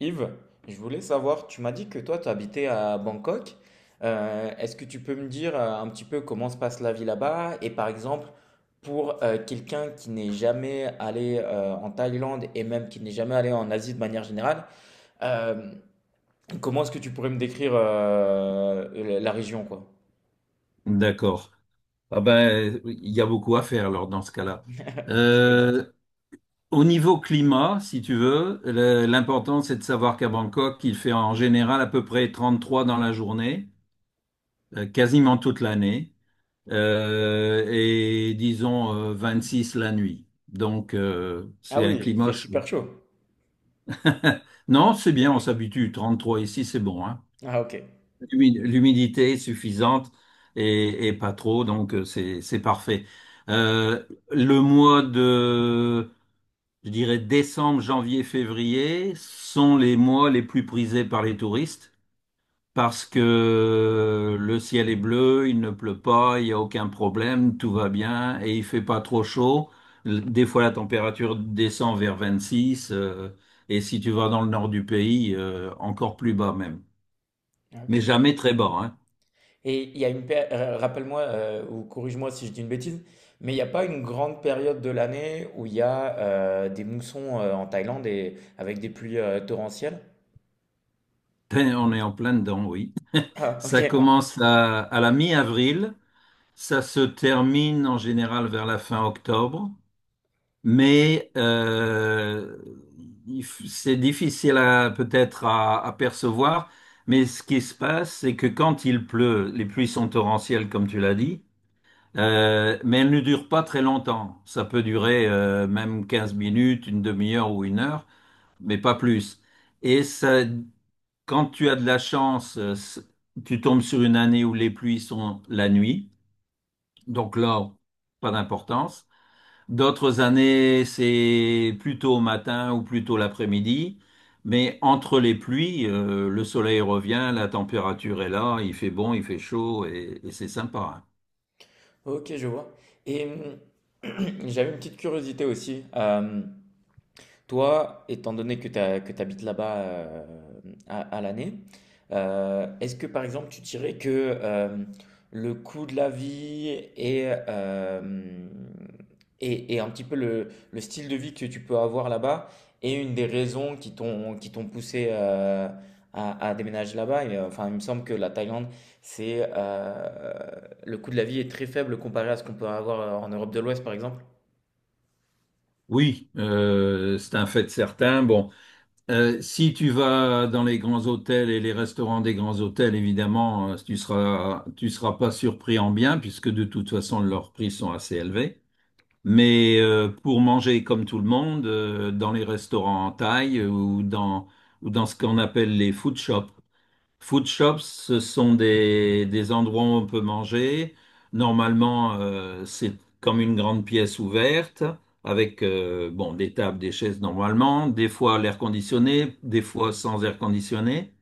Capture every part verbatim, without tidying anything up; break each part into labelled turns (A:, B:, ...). A: Yves, je voulais savoir, tu m'as dit que toi, tu habitais à Bangkok. Euh, est-ce que tu peux me dire euh, un petit peu comment se passe la vie là-bas? Et par exemple, pour euh, quelqu'un qui n'est jamais allé euh, en Thaïlande et même qui n'est jamais allé en Asie de manière générale, euh, comment est-ce que tu pourrais me décrire euh, la la région, quoi?
B: D'accord. Ah ben, il y a beaucoup à faire alors dans ce cas-là.
A: Je me doute.
B: Euh, Au niveau climat, si tu veux, le- l'important c'est de savoir qu'à Bangkok, il fait en général à peu près trente-trois dans la journée, euh, quasiment toute l'année, euh, et disons euh, six la nuit. Donc euh,
A: Ah
B: c'est un
A: oui, il
B: climat
A: fait
B: chaud.
A: super chaud.
B: Non, c'est bien, on s'habitue. Trente-trois ici, c'est bon, hein.
A: Ah ok.
B: L'humi- L'humidité est suffisante et, et pas trop, donc euh, c'est c'est parfait. Euh, le mois de, je dirais, décembre, janvier, février sont les mois les plus prisés par les touristes parce que le ciel est bleu, il ne pleut pas, il n'y a aucun problème, tout va bien et il fait pas trop chaud. Des fois, la température descend vers vingt-six euh, et si tu vas dans le nord du pays, euh, encore plus bas même. Mais
A: Ok.
B: jamais très bas, hein.
A: Et il y a une péri- euh, rappelle-moi euh, ou corrige-moi si je dis une bêtise, mais il n'y a pas une grande période de l'année où il y a euh, des moussons euh, en Thaïlande et avec des pluies euh, torrentielles?
B: Ben, on est en plein dedans, oui.
A: Ah,
B: Ça
A: ok,
B: Ouais. commence à, à la mi-avril, ça se termine en général vers la fin octobre, mais euh, il f- c'est difficile à peut-être à, à percevoir. Mais ce qui se passe, c'est que quand il pleut, les pluies sont torrentielles, comme tu l'as dit, euh, mais elles ne durent pas très longtemps. Ça peut durer euh, même quinze minutes, une demi-heure ou une heure, mais pas plus. Et ça. Quand tu as de la chance, euh, s- tu tombes sur une année où les pluies sont la nuit. Donc là, pas d'importance. D'autres années, c'est plutôt au matin ou plutôt l'après-midi. Mais entre les pluies, euh, le soleil revient, la température est là, il fait bon, il fait chaud et, et c'est sympa, hein.
A: ok, je vois. Et hum, j'avais une petite curiosité aussi. Euh, Toi, étant donné que tu habites là-bas, euh, à, à l'année, euh, est-ce que par exemple tu dirais que euh, le coût de la vie et, euh, et, et un petit peu le, le style de vie que tu peux avoir là-bas est une des raisons qui t'ont qui t'ont poussé euh, à, à déménager là-bas? Et, euh, enfin, il me semble que la Thaïlande, c'est euh, le coût de la vie est très faible comparé à ce qu'on peut avoir en Europe de l'Ouest, par exemple.
B: Oui, euh, c'est un fait certain. Bon. Euh, si tu vas dans les grands hôtels et les restaurants des grands hôtels, évidemment, euh, tu seras, tu seras pas surpris en bien, puisque de toute façon, leurs prix sont assez élevés. Mais euh, pour manger comme tout le monde, euh, dans les restaurants en Thaï euh, ou dans, ou dans ce qu'on appelle les food shops. Food shops, ce sont des, des endroits où on peut manger. Normalement, euh, c'est comme une grande pièce ouverte avec euh, bon, des tables, des chaises normalement, des fois à l'air conditionné, des fois sans air conditionné,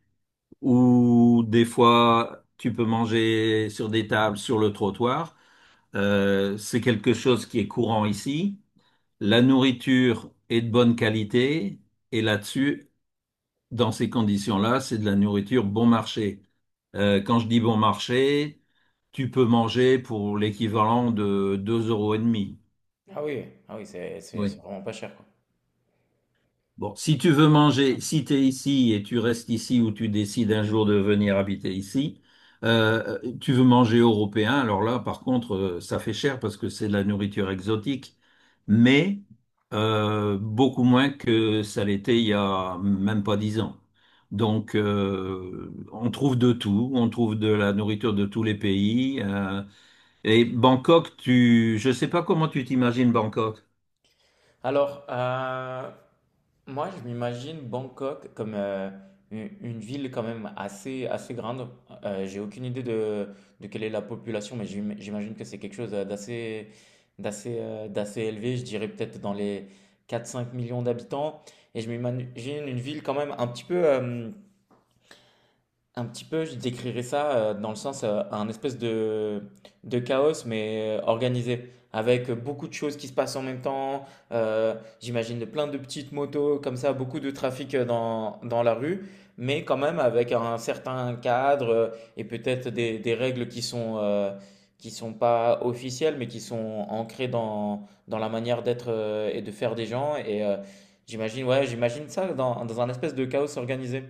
B: ou des fois tu peux manger sur des tables, sur le trottoir. Euh, c'est quelque chose qui est courant ici. La nourriture est de bonne qualité et là-dessus, dans ces conditions-là, c'est de la nourriture bon marché. Euh, quand je dis bon marché, tu peux manger pour l'équivalent de deux euros et demi.
A: Ah oui, ah oui, c'est c'est- c'est vraiment pas cher, quoi.
B: Bon, si tu veux manger, si tu es ici et tu restes ici ou tu décides un jour de venir habiter ici, euh, tu veux manger européen, alors là, par contre, euh, ça fait cher parce que c'est de la nourriture exotique, mais euh, beaucoup moins que ça l'était il y a même pas dix ans. Donc, euh, on trouve de tout, on trouve de la nourriture de tous les pays, euh, et Bangkok, tu, je sais pas comment tu t'imagines Bangkok.
A: Alors, euh, moi, je m'imagine Bangkok comme euh, une une ville quand même assez, assez grande. Euh, j'ai aucune idée de, de quelle est la population, mais j'im- j'imagine que c'est quelque chose d'assez, d'assez, euh, d'assez élevé. Je dirais peut-être dans les quatre cinq millions d'habitants. Et je m'imagine une ville quand même un petit peu, euh, un petit peu, je décrirais ça euh, dans le sens euh, un espèce de, de chaos mais euh, organisé, avec beaucoup de choses qui se passent en même temps. euh, J'imagine de plein de petites motos comme ça, beaucoup de trafic euh, dans, dans la rue, mais quand même avec un certain cadre, euh, et peut-être des, des règles qui sont euh, qui sont pas officielles, mais qui sont ancrées dans, dans la manière d'être, euh, et de faire des gens. Et euh, j'imagine, ouais, j'imagine ça dans, dans un espèce de chaos organisé.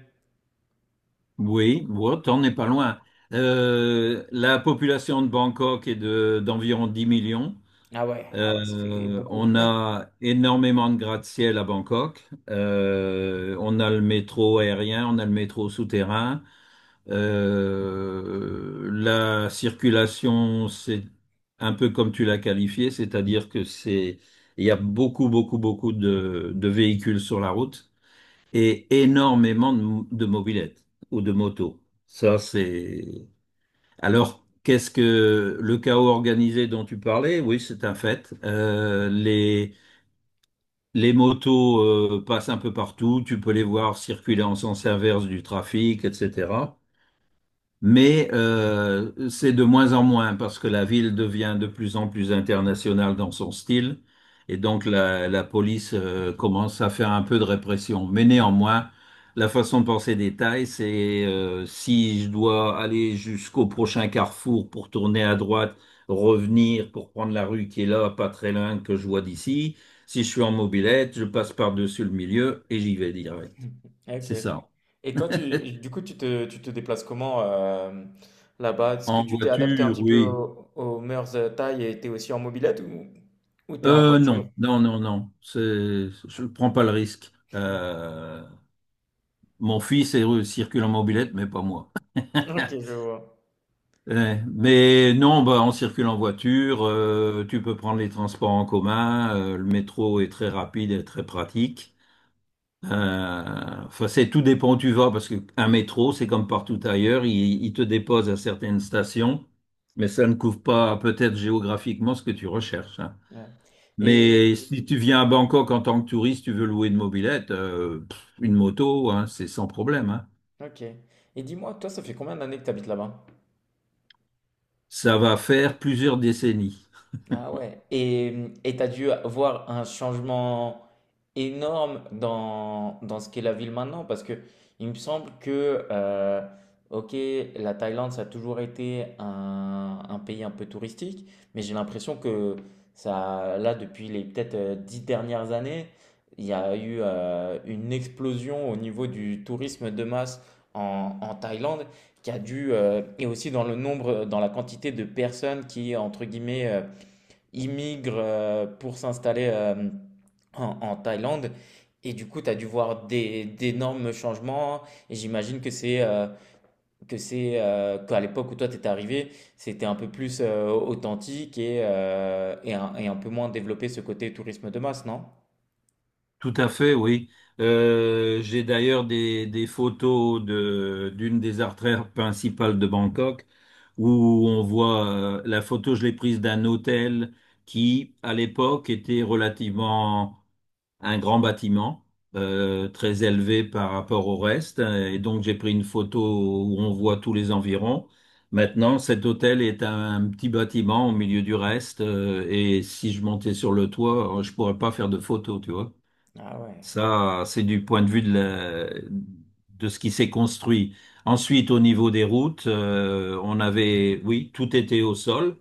B: Oui, bon, t'en es pas loin. Euh, la population de Bangkok est de, d'environ dix millions.
A: Ah ouais, ah ouais, ça fait
B: Euh,
A: beaucoup.
B: on a énormément de gratte-ciel à Bangkok. Euh, on a le métro aérien, on a le métro souterrain. Euh, la circulation, c'est un peu comme tu l'as qualifié, c'est-à-dire que c'est, il y a beaucoup, beaucoup, beaucoup de, de véhicules sur la route et énormément de, mo- de mobylettes ou de motos. Ça, c'est... Alors, qu'est-ce que le chaos organisé dont tu parlais? Oui, c'est un fait. Euh, les, les motos euh, passent un peu partout, tu peux les voir circuler en sens inverse du trafic, et cetera. Mais euh, c'est de moins en moins parce que la ville devient de plus en plus internationale dans son style et donc la, la police euh, commence à faire un peu de répression. Mais néanmoins, la façon de penser des Thaïs, c'est euh, si je dois aller jusqu'au prochain carrefour pour tourner à droite, revenir pour prendre la rue qui est là, pas très loin que je vois d'ici. Si je suis en mobilette, je passe par-dessus le milieu et j'y vais direct.
A: Ok.
B: C'est ça.
A: Et toi, tu, du coup, tu te, tu te déplaces comment, euh, là-bas? Est-ce que
B: En
A: tu t'es adapté
B: voiture,
A: un petit peu
B: oui.
A: aux, aux mœurs, euh, thaï, et t'es aussi en mobilette ou, ou t'es en
B: Euh,
A: voiture?
B: non, non, non, non. C'est, je ne prends pas le risque. Euh, mon fils est, euh, circule en mobilette, mais pas moi.
A: Ok, je vois.
B: Eh, mais non, bah, on circule en voiture. Euh, tu peux prendre les transports en commun. Euh, le métro est très rapide et très pratique. Euh, enfin, c'est tout dépend où tu vas, parce qu'un métro, c'est comme partout ailleurs, il, il te dépose à certaines stations, mais ça ne couvre pas peut-être géographiquement ce que tu recherches, hein.
A: Ouais. Et
B: Mais si tu viens à Bangkok en tant que touriste, tu veux louer une mobilette, euh, pff, une moto, hein, c'est sans problème, hein.
A: ok. Et dis-moi, toi, ça fait combien d'années que tu habites là-bas?
B: Ça va faire plusieurs décennies.
A: Ah ouais. Et et t'as dû voir un changement énorme dans, dans ce qu'est la ville maintenant, parce que il me semble que euh, ok, la Thaïlande ça a toujours été un, un pays un peu touristique, mais j'ai l'impression que ça là depuis les peut-être euh, dix dernières années, il y a eu euh, une explosion au niveau du tourisme de masse en, en Thaïlande qui a dû, euh, et aussi dans le nombre, dans la quantité de personnes qui entre guillemets euh, ils euh, pour s'installer euh, en, en Thaïlande. Et du coup, tu as dû voir des, d'énormes changements. Et j'imagine que c'est euh, que c'est euh, qu'à l'époque où toi t'étais arrivé, c'était un peu plus euh, authentique et, euh, et, un, et un peu moins développé ce côté tourisme de masse, non?
B: Tout à fait, oui. Euh, j'ai d'ailleurs des, des photos de, d'une des artères principales de Bangkok où on voit euh, la photo, je l'ai prise d'un hôtel qui, à l'époque, était relativement un grand bâtiment euh, très élevé par rapport au reste. Et donc j'ai pris une photo où on voit tous les environs. Maintenant, cet hôtel est un petit bâtiment au milieu du reste. Euh, et si je montais sur le toit, euh, je pourrais pas faire de photo, tu vois.
A: Ah ouais.
B: Ça, c'est du point de vue de, la- de ce qui s'est construit. Ensuite, au niveau des routes, euh, on avait, oui, tout était au sol.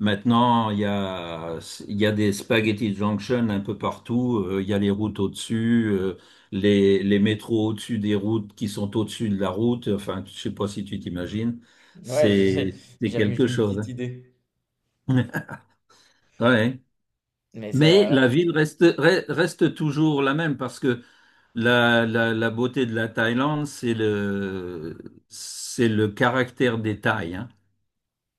B: Maintenant, il y a, il y a des spaghetti junction un peu partout. Euh, il y a les routes au-dessus, euh, les, les métros au-dessus des routes qui sont au-dessus de la route. Enfin, je sais pas si tu t'imagines.
A: Ouais, j'ai- j'ai-
B: C'est, c'est
A: j'avais
B: quelque
A: j'ai une petite
B: chose,
A: idée.
B: hein. Ouais.
A: Mais
B: Mais la
A: ça.
B: ville reste, re- reste toujours la même parce que la, la, la beauté de la Thaïlande, c'est le, c'est le caractère des Thaïs, hein.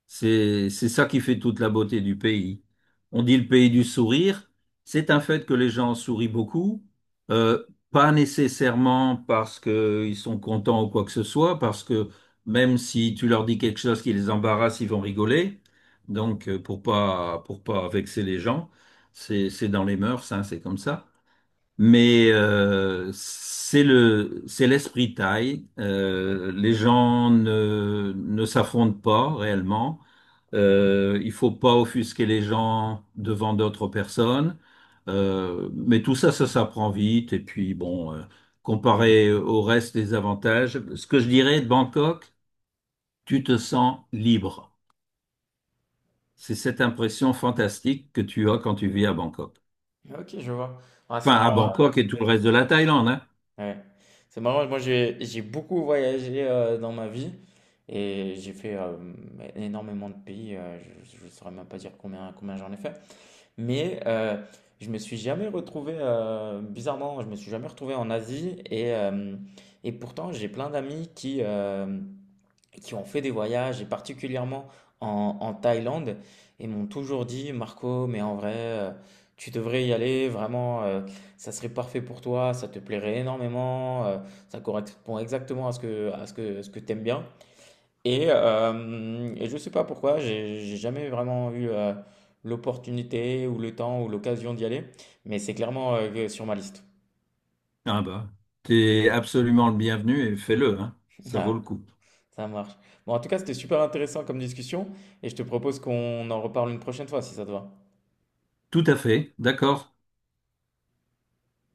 B: C'est, c'est ça qui fait toute la beauté du pays. On dit le pays du sourire. C'est un fait que les gens sourient beaucoup, euh, pas nécessairement parce qu'ils sont contents ou quoi que ce soit, parce que même si tu leur dis quelque chose qui les embarrasse, ils vont rigoler. Donc, euh, pour pas, pour pas vexer les gens, c'est, c'est dans les mœurs, hein, c'est comme ça. Mais euh, c'est le, c'est l'esprit thaï. Euh, les gens ne, ne s'affrontent pas réellement. Euh, il faut pas offusquer les gens devant d'autres personnes. Euh, mais tout ça, ça s'apprend vite. Et puis, bon, euh, comparé au reste des avantages, ce que je dirais de Bangkok, tu te sens libre. C'est cette impression fantastique que tu as quand tu vis à Bangkok.
A: Ok, je vois. Ah, c'est
B: Enfin, à
A: marrant.
B: Bangkok et tout le reste de la Thaïlande, hein.
A: Ouais. C'est marrant, moi j'ai j'ai beaucoup voyagé euh, dans ma vie et j'ai fait euh, énormément de pays, euh, je ne saurais même pas dire combien, combien j'en ai fait, mais euh, je me suis jamais retrouvé, euh, bizarrement, je me suis jamais retrouvé en Asie et, euh, et pourtant j'ai plein d'amis qui, euh, qui ont fait des voyages, et particulièrement en, en Thaïlande, et m'ont toujours dit, Marco, mais en vrai, euh, tu devrais y aller, vraiment, euh, ça serait parfait pour toi, ça te plairait énormément, euh, ça correspond exactement à ce que, à ce que, ce que t'aimes bien. Et, euh, et je sais pas pourquoi, j'ai j'ai jamais vraiment eu euh, l'opportunité ou le temps ou l'occasion d'y aller, mais c'est clairement, euh, sur ma liste.
B: Ah bah, t'es absolument le bienvenu et fais-le, hein. Ça vaut
A: Ah,
B: le coup.
A: ça marche. Bon, en tout cas, c'était super intéressant comme discussion, et je te propose qu'on en reparle une prochaine fois, si ça te va.
B: Tout à fait, d'accord.